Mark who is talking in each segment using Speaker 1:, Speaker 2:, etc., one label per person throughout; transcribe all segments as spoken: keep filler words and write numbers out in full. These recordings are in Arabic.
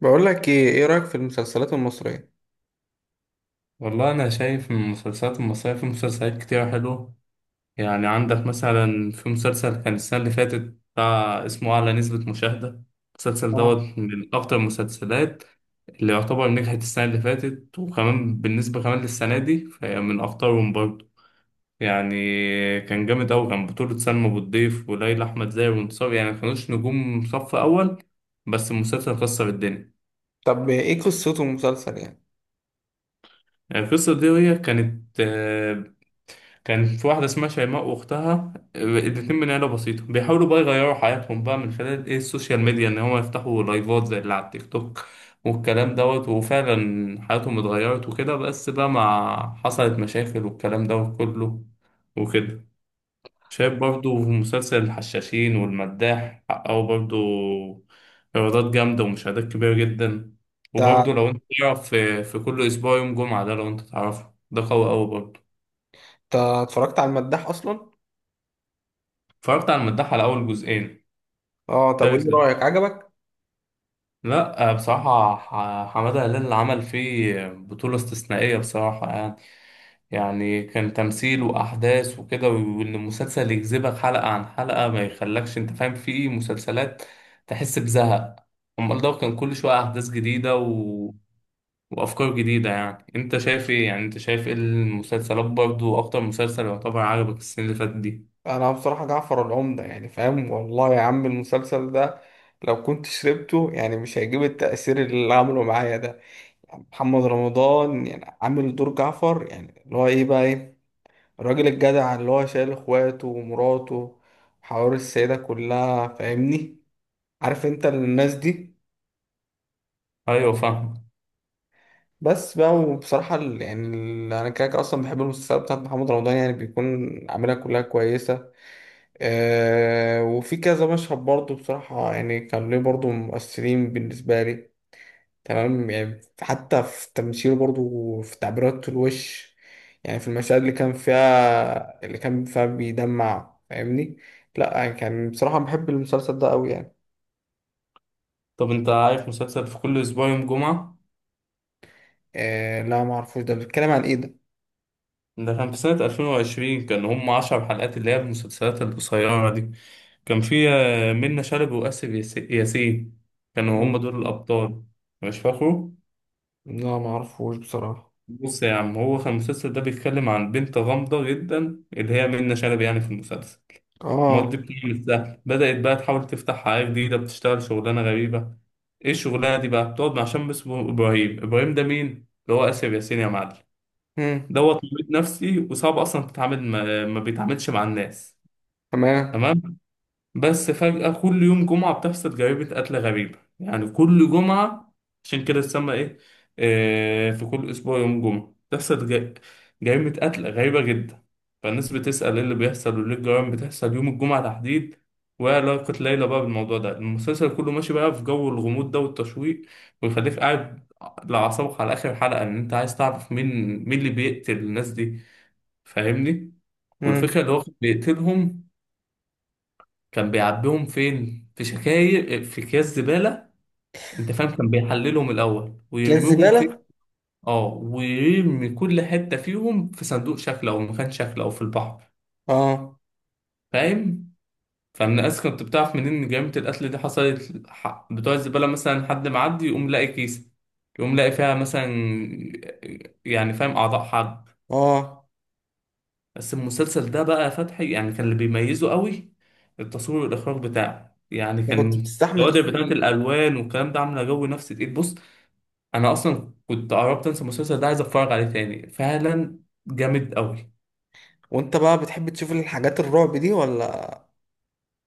Speaker 1: بقول لك ايه ايه رأيك في المسلسلات المصرية؟
Speaker 2: والله أنا شايف من المسلسلات المصرية في مسلسلات كتيرة حلوة. يعني عندك مثلا في مسلسل كان السنة اللي فاتت، بتاع اسمه أعلى نسبة مشاهدة. المسلسل
Speaker 1: اه،
Speaker 2: دوت من أكتر المسلسلات اللي يعتبر نجحت السنة اللي فاتت، وكمان بالنسبة كمان للسنة دي فهي من أخطرهم برضه. يعني كان جامد أوي، كان بطولة سلمى أبو الضيف وليلى أحمد زاهر وانتصار، يعني ما كانوش نجوم صف أول، بس المسلسل كسر الدنيا.
Speaker 1: طب ايه قصته المسلسل يعني؟
Speaker 2: يعني القصة دي هي كانت آه، كان في واحدة اسمها شيماء وأختها الاتنين من عيلة بسيطة، بيحاولوا بقى يغيروا حياتهم بقى من خلال إيه السوشيال ميديا، إن هما يفتحوا لايفات زي اللي على التيك توك. والكلام دوت وفعلا حياتهم اتغيرت وكده، بس بقى مع حصلت مشاكل والكلام دوت كله وكده. شايف برضو في مسلسل الحشاشين والمداح حققوا برضو إيرادات جامدة ومشاهدات كبيرة جدا.
Speaker 1: آه،
Speaker 2: وبرضو
Speaker 1: انت
Speaker 2: لو أنت تعرف في في كل أسبوع يوم جمعة ده، لو أنت تعرفه ده قوي أوي برضو.
Speaker 1: انت اتفرجت على المداح اصلا؟
Speaker 2: اتفرجت على المداح على أول جزئين.
Speaker 1: اه، طب
Speaker 2: تالت
Speaker 1: ايه
Speaker 2: ل-
Speaker 1: رأيك؟ عجبك؟
Speaker 2: لا، آه، بصراحة، ح- حمادة هلال اللي عمل فيه بطولة استثنائية بصراحة يعني. يعني كان تمثيل وأحداث وكده، وإن المسلسل يجذبك حلقة عن حلقة، ما يخلكش أنت فاهم في مسلسلات تحس بزهق. أمال ده كان كل شوية أحداث جديدة و... وأفكار جديدة. يعني أنت شايف إيه؟ يعني أنت شايف إيه المسلسلات برضو، أكتر مسلسل يعتبر عجبك السنة اللي فاتت دي؟
Speaker 1: انا بصراحة جعفر العمدة يعني، فاهم والله يا عم، المسلسل ده لو كنت شربته يعني مش هيجيب التأثير اللي عمله معايا ده. محمد رمضان يعني عامل دور جعفر، يعني اللي هو ايه بقى، ايه الراجل الجدع اللي هو شايل اخواته ومراته وحوار السيدة كلها، فاهمني؟ عارف انت الناس دي.
Speaker 2: أيوة فاهم.
Speaker 1: بس بقى وبصراحة ال- يعني، ال- أنا كده كده أصلا بحب المسلسلات بتاعت محمد رمضان، يعني بيكون عاملها كلها كويسة. أه، وفي كذا مشهد برضه بصراحة يعني كان ليه برضه مؤثرين بالنسبة لي. تمام يعني، حتى في تمثيله برضه وفي تعبيرات الوش، يعني في المشاهد اللي كان فيها اللي كان فيها بيدمع، فاهمني؟ لأ يعني، كان بصراحة بحب المسلسل ده أوي يعني.
Speaker 2: طب أنت عارف مسلسل في كل أسبوع يوم جمعة؟
Speaker 1: أه، لا معرفوش. ده بيتكلم عن إيه ده؟
Speaker 2: ده كان في سنة ألفين وعشرين، كان هم 10 حلقات، اللي هي المسلسلات القصيرة دي. كان في آه، منة شلبي وآسف ياس- ياسين، كانوا هم
Speaker 1: مم.
Speaker 2: دول الأبطال. مش فاكره.
Speaker 1: لا، معرفوش بصراحة.
Speaker 2: بص يا عم، هو كان المسلسل ده بيتكلم عن بنت غامضة جدا، اللي هي منة شلبي يعني في المسلسل.
Speaker 1: آه.
Speaker 2: ماضي بتعمل سهل، بدأت بقى تحاول تفتح حياة جديدة، بتشتغل شغلانة غريبة. ايه الشغلانة دي بقى؟ بتقعد مع شاب اسمه إبراهيم. إبراهيم ده مين؟ اللي هو آسف ياسين يا معلم.
Speaker 1: مم.
Speaker 2: دوت مريض نفسي وصعب أصلا تتعامل، ما ما بيتعاملش مع الناس.
Speaker 1: تمام.
Speaker 2: تمام. بس فجأة كل يوم جمعة بتحصل جريمة قتل غريبة، يعني كل جمعة، عشان كده تسمى إيه؟ آه، في كل أسبوع يوم جمعة بتحصل ج- جريمة قتل غريبة جدا. فالناس بتسأل إيه اللي بيحصل، وليه الجرائم بتحصل يوم الجمعة تحديد، وإيه علاقة ليلى بقى بالموضوع ده؟ المسلسل كله ماشي بقى في جو الغموض ده والتشويق، ويخليك قاعد لأعصابك على آخر حلقة، إن أنت عايز تعرف مين، مين اللي بيقتل الناس دي. فاهمني؟ والفكرة
Speaker 1: امم.
Speaker 2: اللي هو بيقتلهم، كان بيعبيهم فين؟ في شكاير، في اكياس زبالة. انت فاهم، كان بيحللهم الاول
Speaker 1: اكياس
Speaker 2: ويرميهم في،
Speaker 1: زبالة.
Speaker 2: اه، ويرمي كل حتة فيهم في صندوق شكل او مكان شكل او في البحر.
Speaker 1: اه.
Speaker 2: فاهم؟ فمن الناس كنت بتعرف منين ان جريمة القتل دي حصلت؟ ح- بتوع الزبالة مثلا، حد معدي يقوم لاقي كيسة، يقوم لاقي فيها مثلا، يعني فاهم، اعضاء حد.
Speaker 1: اه،
Speaker 2: بس المسلسل ده بقى يا فتحي، يعني كان اللي بيميزه قوي التصوير والإخراج بتاعه، يعني
Speaker 1: انت كنت
Speaker 2: كان
Speaker 1: بتستحمل
Speaker 2: الكوادر بتاعت
Speaker 1: تجري؟
Speaker 2: الألوان والكلام ده عاملة جو نفسي تقيل. بص، أنا أصلا كنت قربت أنسى المسلسل ده، عايز أتفرج عليه تاني فعلا. جامد قوي.
Speaker 1: وانت بقى بتحب تشوف الحاجات الرعب دي ولا؟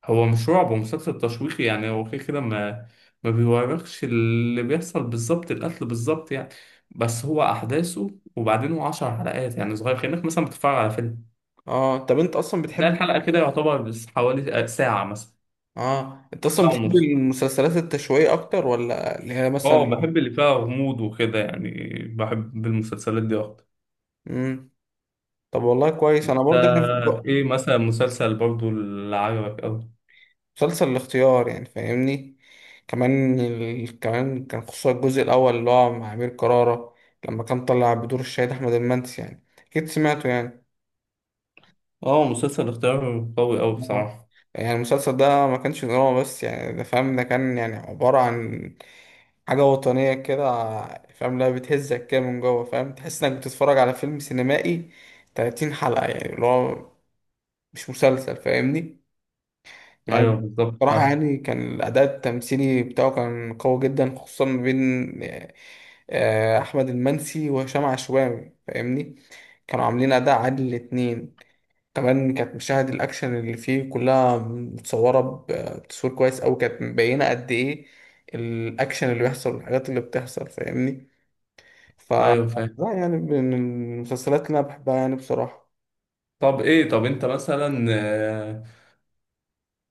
Speaker 2: هو مش رعب، هو مسلسل تشويقي، يعني هو كده كده ما ما بيوريكش اللي بيحصل بالظبط، القتل بالظبط يعني. بس هو أحداثه، وبعدين هو 10 حلقات، يعني صغير كأنك مثلا بتتفرج على فيلم.
Speaker 1: اه، طب انت اصلا
Speaker 2: تلاقي
Speaker 1: بتحب؟
Speaker 2: الحلقة كده يعتبر بس حوالي ساعة مثلا،
Speaker 1: اه، انت اصلا
Speaker 2: ساعة
Speaker 1: بتحب
Speaker 2: ونص.
Speaker 1: المسلسلات التشويقية اكتر، ولا اللي هي
Speaker 2: اه،
Speaker 1: مثلا؟
Speaker 2: بحب اللي فيها غموض وكده يعني، بحب المسلسلات دي اكتر.
Speaker 1: امم. طب والله كويس. انا
Speaker 2: انت
Speaker 1: برضه كان في ب-
Speaker 2: ايه مثلا مسلسل برضو اللي عجبك اوي؟
Speaker 1: مسلسل الاختيار يعني، فاهمني؟ كمان ال... كمان كان خصوصا الجزء الاول اللي هو مع امير كرارة، لما كان طلع بدور الشهيد احمد المنسي، يعني اكيد سمعته يعني.
Speaker 2: اه، مسلسل اختيار قوي اوي
Speaker 1: آه.
Speaker 2: بصراحة.
Speaker 1: يعني المسلسل ده ما كانش دراما بس، يعني ده فاهم، ده كان يعني عبارة عن حاجة وطنية كده. فاهم؟ لا، بتهزك كده من جوه، فاهم تحس انك بتتفرج على فيلم سينمائي ثلاثين حلقة، يعني اللي هو مش مسلسل، فاهمني؟
Speaker 2: ايوه
Speaker 1: يعني
Speaker 2: بالظبط
Speaker 1: بصراحة،
Speaker 2: فاهم.
Speaker 1: يعني كان الأداء التمثيلي بتاعه كان قوي جدا، خصوصا ما بين آه، أحمد المنسي وهشام عشوائي، فاهمني؟ كانوا عاملين أداء عادل الاتنين. كمان كانت مشاهد الأكشن اللي فيه كلها متصورة ب- بتصوير كويس أوي، كانت مبينة قد إيه الأكشن اللي بيحصل والحاجات اللي بتحصل، فاهمني؟ ف
Speaker 2: ايوه فاهم.
Speaker 1: لا يعني، من المسلسلات اللي أنا بحبها يعني بصراحة.
Speaker 2: طب ايه، طب انت مثلا آه،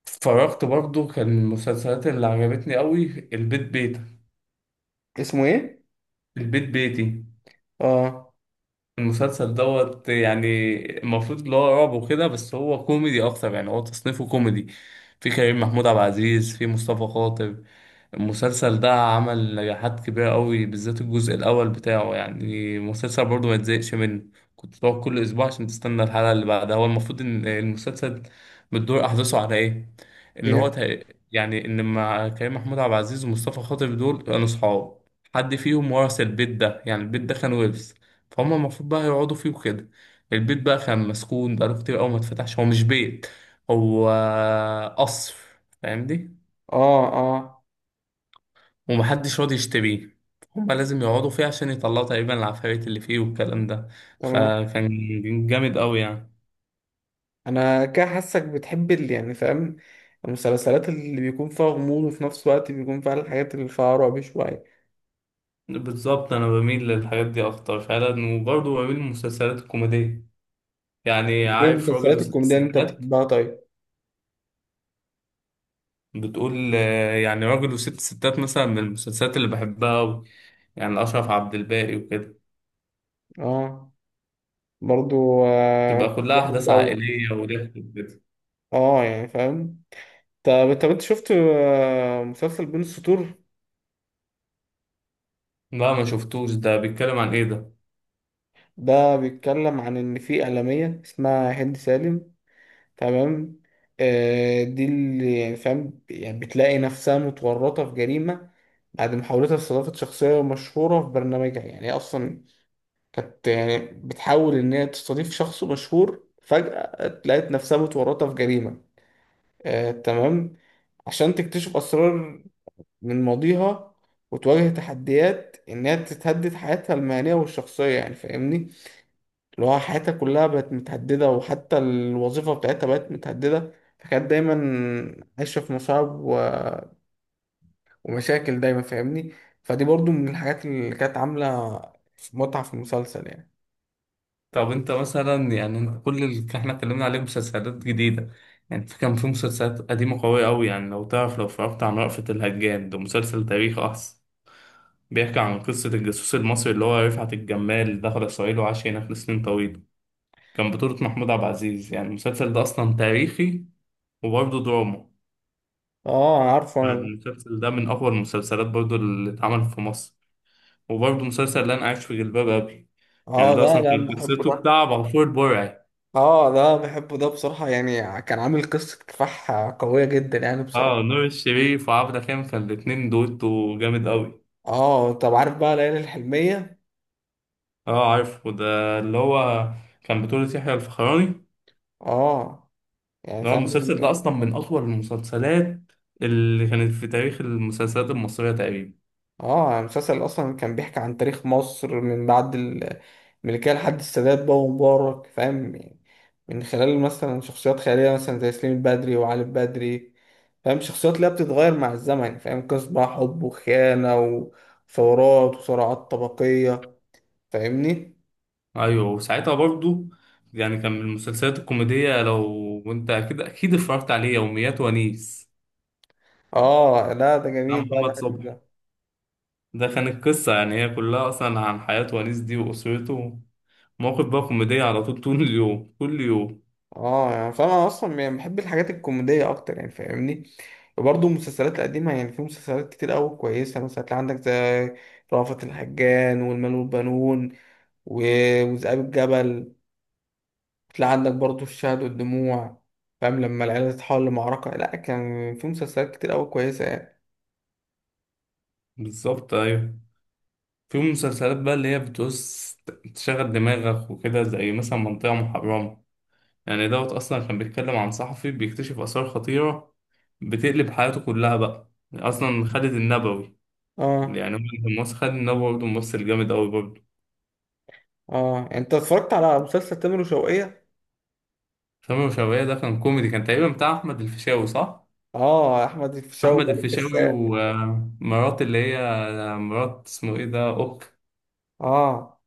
Speaker 2: اتفرجت برضو كان المسلسلات اللي عجبتني اوي، البيت بيتك،
Speaker 1: اسمه إيه؟
Speaker 2: البيت بيتي.
Speaker 1: آه.
Speaker 2: المسلسل دوت يعني المفروض اللي هو رعب وكده، بس هو كوميدي اكتر، يعني هو تصنيفه كوميدي. في كريم محمود عبد العزيز، في مصطفى خاطر. المسلسل ده عمل نجاحات كبيرة قوي، بالذات الجزء الأول بتاعه، يعني المسلسل برضه ما يتزهقش منه. كنت بقعد كل أسبوع عشان تستنى الحلقة اللي بعدها. هو المفروض إن المسلسل بتدور أحداثه على إيه؟ إن هو
Speaker 1: إيه؟
Speaker 2: تق- يعني إن مع كريم محمود عبد العزيز ومصطفى خاطر دول كانوا صحاب، حد فيهم ورث البيت ده، يعني البيت ده كان ورث، فهم المفروض بقى يقعدوا فيه وكده. البيت بقى كان مسكون، بقاله كتير أوي ما اتفتحش. هو مش بيت، هو قصر. فاهم دي؟
Speaker 1: آه، آه.
Speaker 2: ومحدش راضي يشتريه. هما لازم يقعدوا فيه عشان يطلعوا تقريبا العفاريت اللي فيه والكلام ده.
Speaker 1: تمام.
Speaker 2: فكان جامد قوي يعني.
Speaker 1: أنا كده حاسك بتحب اللي، يعني فاهم، المسلسلات اللي بيكون فيها غموض، وفي نفس الوقت بيكون فيها الحاجات اللي فيها رعب شوية.
Speaker 2: بالظبط، انا بميل للحاجات دي اكتر فعلا، وبرضه بميل للمسلسلات الكوميديه. يعني
Speaker 1: إيه
Speaker 2: عارف راجل
Speaker 1: المسلسلات
Speaker 2: وست
Speaker 1: الكوميدية اللي أنت
Speaker 2: ستات؟
Speaker 1: بتحبها طيب؟
Speaker 2: بتقول آه، يعني راجل وست ستات مثلا من المسلسلات اللي بحبها قوي، يعني اشرف عبد الباقي وكده.
Speaker 1: آه. برضو آه،
Speaker 2: تبقى كلها احداث
Speaker 1: بحبه أوي.
Speaker 2: عائليه وضحك وكده.
Speaker 1: اه، يعني فاهم. طب طب انت شفت آه، مسلسل بين السطور؟
Speaker 2: لا ما شفتوش، ده بيتكلم عن ايه ده؟
Speaker 1: ده بيتكلم عن ان في اعلاميه اسمها هند سالم. تمام. آه، دي اللي، يعني فاهم، يعني بتلاقي نفسها متورطه في جريمه بعد محاولتها لاستضافه شخصيه مشهوره في برنامجها، يعني هي اصلا كانت، يعني بتحاول ان هي تستضيف شخص مشهور، فجاه لقيت نفسها متورطه في جريمه. آه، تمام. عشان تكتشف أسرار من ماضيها وتواجه تحديات إنها تتهدد حياتها المهنية والشخصية، يعني فاهمني، اللي هو حياتها كلها بقت متهددة، وحتى الوظيفة بتاعتها بقت متهددة. فكانت دايما عايشة في مصاعب و... ومشاكل دايما، فاهمني. فدي برضو من الحاجات اللي كانت عاملة متعة في المسلسل يعني.
Speaker 2: طب انت مثلا يعني، انت كل اللي احنا اتكلمنا عليه مسلسلات جديدة، يعني في كان في مسلسلات قديمة قوية أوي. يعني لو تعرف لو اتفرجت عن رأفت الهجان، ده مسلسل تاريخ أصلا، بيحكي عن قصة الجاسوس المصري اللي هو رفعت الجمال، دخل إسرائيل وعاش هناك لسنين طويلة، كان بطولة محمود عبد العزيز. يعني المسلسل ده أصلا تاريخي وبرضه دراما.
Speaker 1: اه، عارفه انا ده.
Speaker 2: المسلسل ده من أقوى المسلسلات برضه اللي اتعمل في مصر. وبرضه مسلسل اللي أنا عايش في جلباب أبي.
Speaker 1: اه،
Speaker 2: يعني ده
Speaker 1: لا،
Speaker 2: أصلا
Speaker 1: لا،
Speaker 2: كانت
Speaker 1: بحبه
Speaker 2: قصته
Speaker 1: ده.
Speaker 2: بتاع عبد الغفور البرعي.
Speaker 1: اه، ده بحبه ده بصراحة، يعني كان عامل قصة كفاح قوية جدا يعني
Speaker 2: اه،
Speaker 1: بصراحة.
Speaker 2: نور الشريف وعبده كامل، كان الاتنين دويتو جامد قوي.
Speaker 1: اه، طب عارف بقى ليالي الحلمية؟
Speaker 2: اه عارف، وده اللي هو كان بطولة يحيى الفخراني، اللي
Speaker 1: اه، يعني
Speaker 2: هو
Speaker 1: فعلا.
Speaker 2: المسلسل ده اصلا من اطول المسلسلات اللي كانت في تاريخ المسلسلات المصرية تقريبا.
Speaker 1: اه، يعني المسلسل اصلا كان بيحكي عن تاريخ مصر من بعد الملكية لحد السادات بقى ومبارك، فاهم يعني، من خلال مثلا شخصيات خيالية مثلا زي سليم البدري وعلي البدري، فاهم؟ شخصيات اللي هي بتتغير مع الزمن، فاهم؟ قصص بقى حب وخيانة وثورات وصراعات طبقية، فاهمني.
Speaker 2: ايوه، وساعتها برضو يعني كان من المسلسلات الكوميدية لو انت اكيد اكيد اتفرجت عليه يوميات ونيس
Speaker 1: اه، لا ده
Speaker 2: بتاع
Speaker 1: جميل بقى.
Speaker 2: محمد صبحي.
Speaker 1: بحب.
Speaker 2: ده كان القصة يعني هي كلها اصلا عن حياة ونيس دي واسرته، مواقف بقى كوميدية على طول، طول اليوم كل يوم.
Speaker 1: اه، يعني فانا اصلا، يعني بحب الحاجات الكوميديه اكتر، يعني فاهمني. وبرضه المسلسلات القديمه يعني، في مسلسلات كتير قوي كويسه، مثلا هتلاقي عندك زي رأفت الهجان والمال والبنون و- وذئاب الجبل، تلاقي عندك برضه الشهد والدموع، فاهم لما العيله تتحول لمعركه. لا، كان في مسلسلات كتير قوي كويسه يعني.
Speaker 2: بالظبط ايوه. في مسلسلات بقى اللي هي بتوس تشغل دماغك وكده، زي مثلا منطقة محرمة. يعني دوت أصلا كان بيتكلم عن صحفي بيكتشف آثار خطيرة، بتقلب حياته كلها بقى أصلا. خالد النبوي،
Speaker 1: اه.
Speaker 2: يعني هو كان ممثل خالد النبوي برضه ممثل جامد أوي برضه.
Speaker 1: اه، يعني انت اتفرجت على مسلسل تامر وشوقية؟
Speaker 2: سامي وشوية، ده كان كوميدي، كان تقريبا بتاع أحمد الفيشاوي صح؟
Speaker 1: اه، احمد الفيشاوي
Speaker 2: أحمد
Speaker 1: ومالك
Speaker 2: الفيشاوي
Speaker 1: الساعة.
Speaker 2: ومرات اللي هي، مرات اسمه إيه ده؟ أوك.
Speaker 1: اه،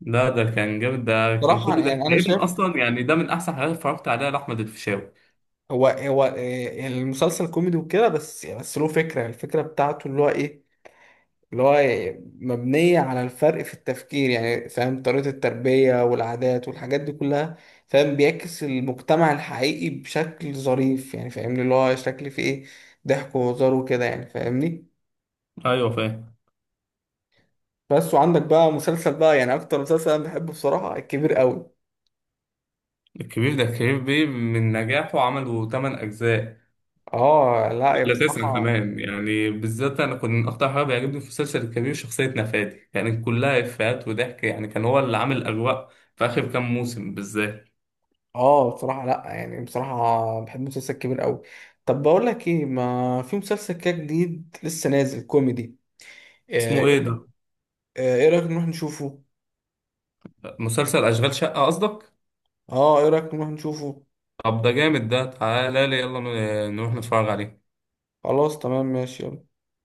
Speaker 2: لا ده
Speaker 1: يعني
Speaker 2: كان جامد، ده كان
Speaker 1: بصراحه،
Speaker 2: كله ده
Speaker 1: يعني انا
Speaker 2: تقريبا
Speaker 1: شايف
Speaker 2: أصلا، يعني ده من أحسن حاجات اتفرجت عليها لأحمد الفيشاوي.
Speaker 1: هو هو آه، المسلسل كوميدي وكده، بس يعني، بس له فكرة، الفكرة بتاعته اللي هو ايه، اللي هو إيه؟ مبنية على الفرق في التفكير يعني، فاهم طريقة التربية والعادات والحاجات دي كلها؟ فاهم؟ بيعكس المجتمع الحقيقي بشكل ظريف، يعني فاهمني، اللي هو شكل فيه ايه ضحك وهزار وكده، يعني فاهمني.
Speaker 2: أيوه فاهم.
Speaker 1: بس وعندك بقى مسلسل بقى، يعني اكتر مسلسل انا بحبه بصراحة الكبير قوي.
Speaker 2: الكبير، ده كبير بيه من نجاحه عملوا 8 أجزاء.
Speaker 1: اه، لا يا
Speaker 2: لا تسعة
Speaker 1: بصراحة.
Speaker 2: كمان، يعني بالذات أنا كنت أكتر حاجة بيعجبني في مسلسل الكبير شخصية نفادي، يعني كلها إفيهات وضحك، يعني كان هو اللي عامل الأجواء في آخر كام موسم بالذات.
Speaker 1: اه، بصراحة لا يعني، بصراحة بحب مسلسل كبير قوي. طب بقول لك ايه، ما في مسلسل كده جديد لسه نازل كوميدي. آه،
Speaker 2: اسمه
Speaker 1: إيه،
Speaker 2: إيه ده؟
Speaker 1: آه، ايه رأيك نروح نشوفه؟
Speaker 2: مسلسل أشغال شقة قصدك؟
Speaker 1: اه، ايه رأيك نروح نشوفه؟
Speaker 2: طب ده جامد، ده تعالى لي يلا ن- نروح نتفرج عليه.
Speaker 1: خلاص تمام ماشي يلا.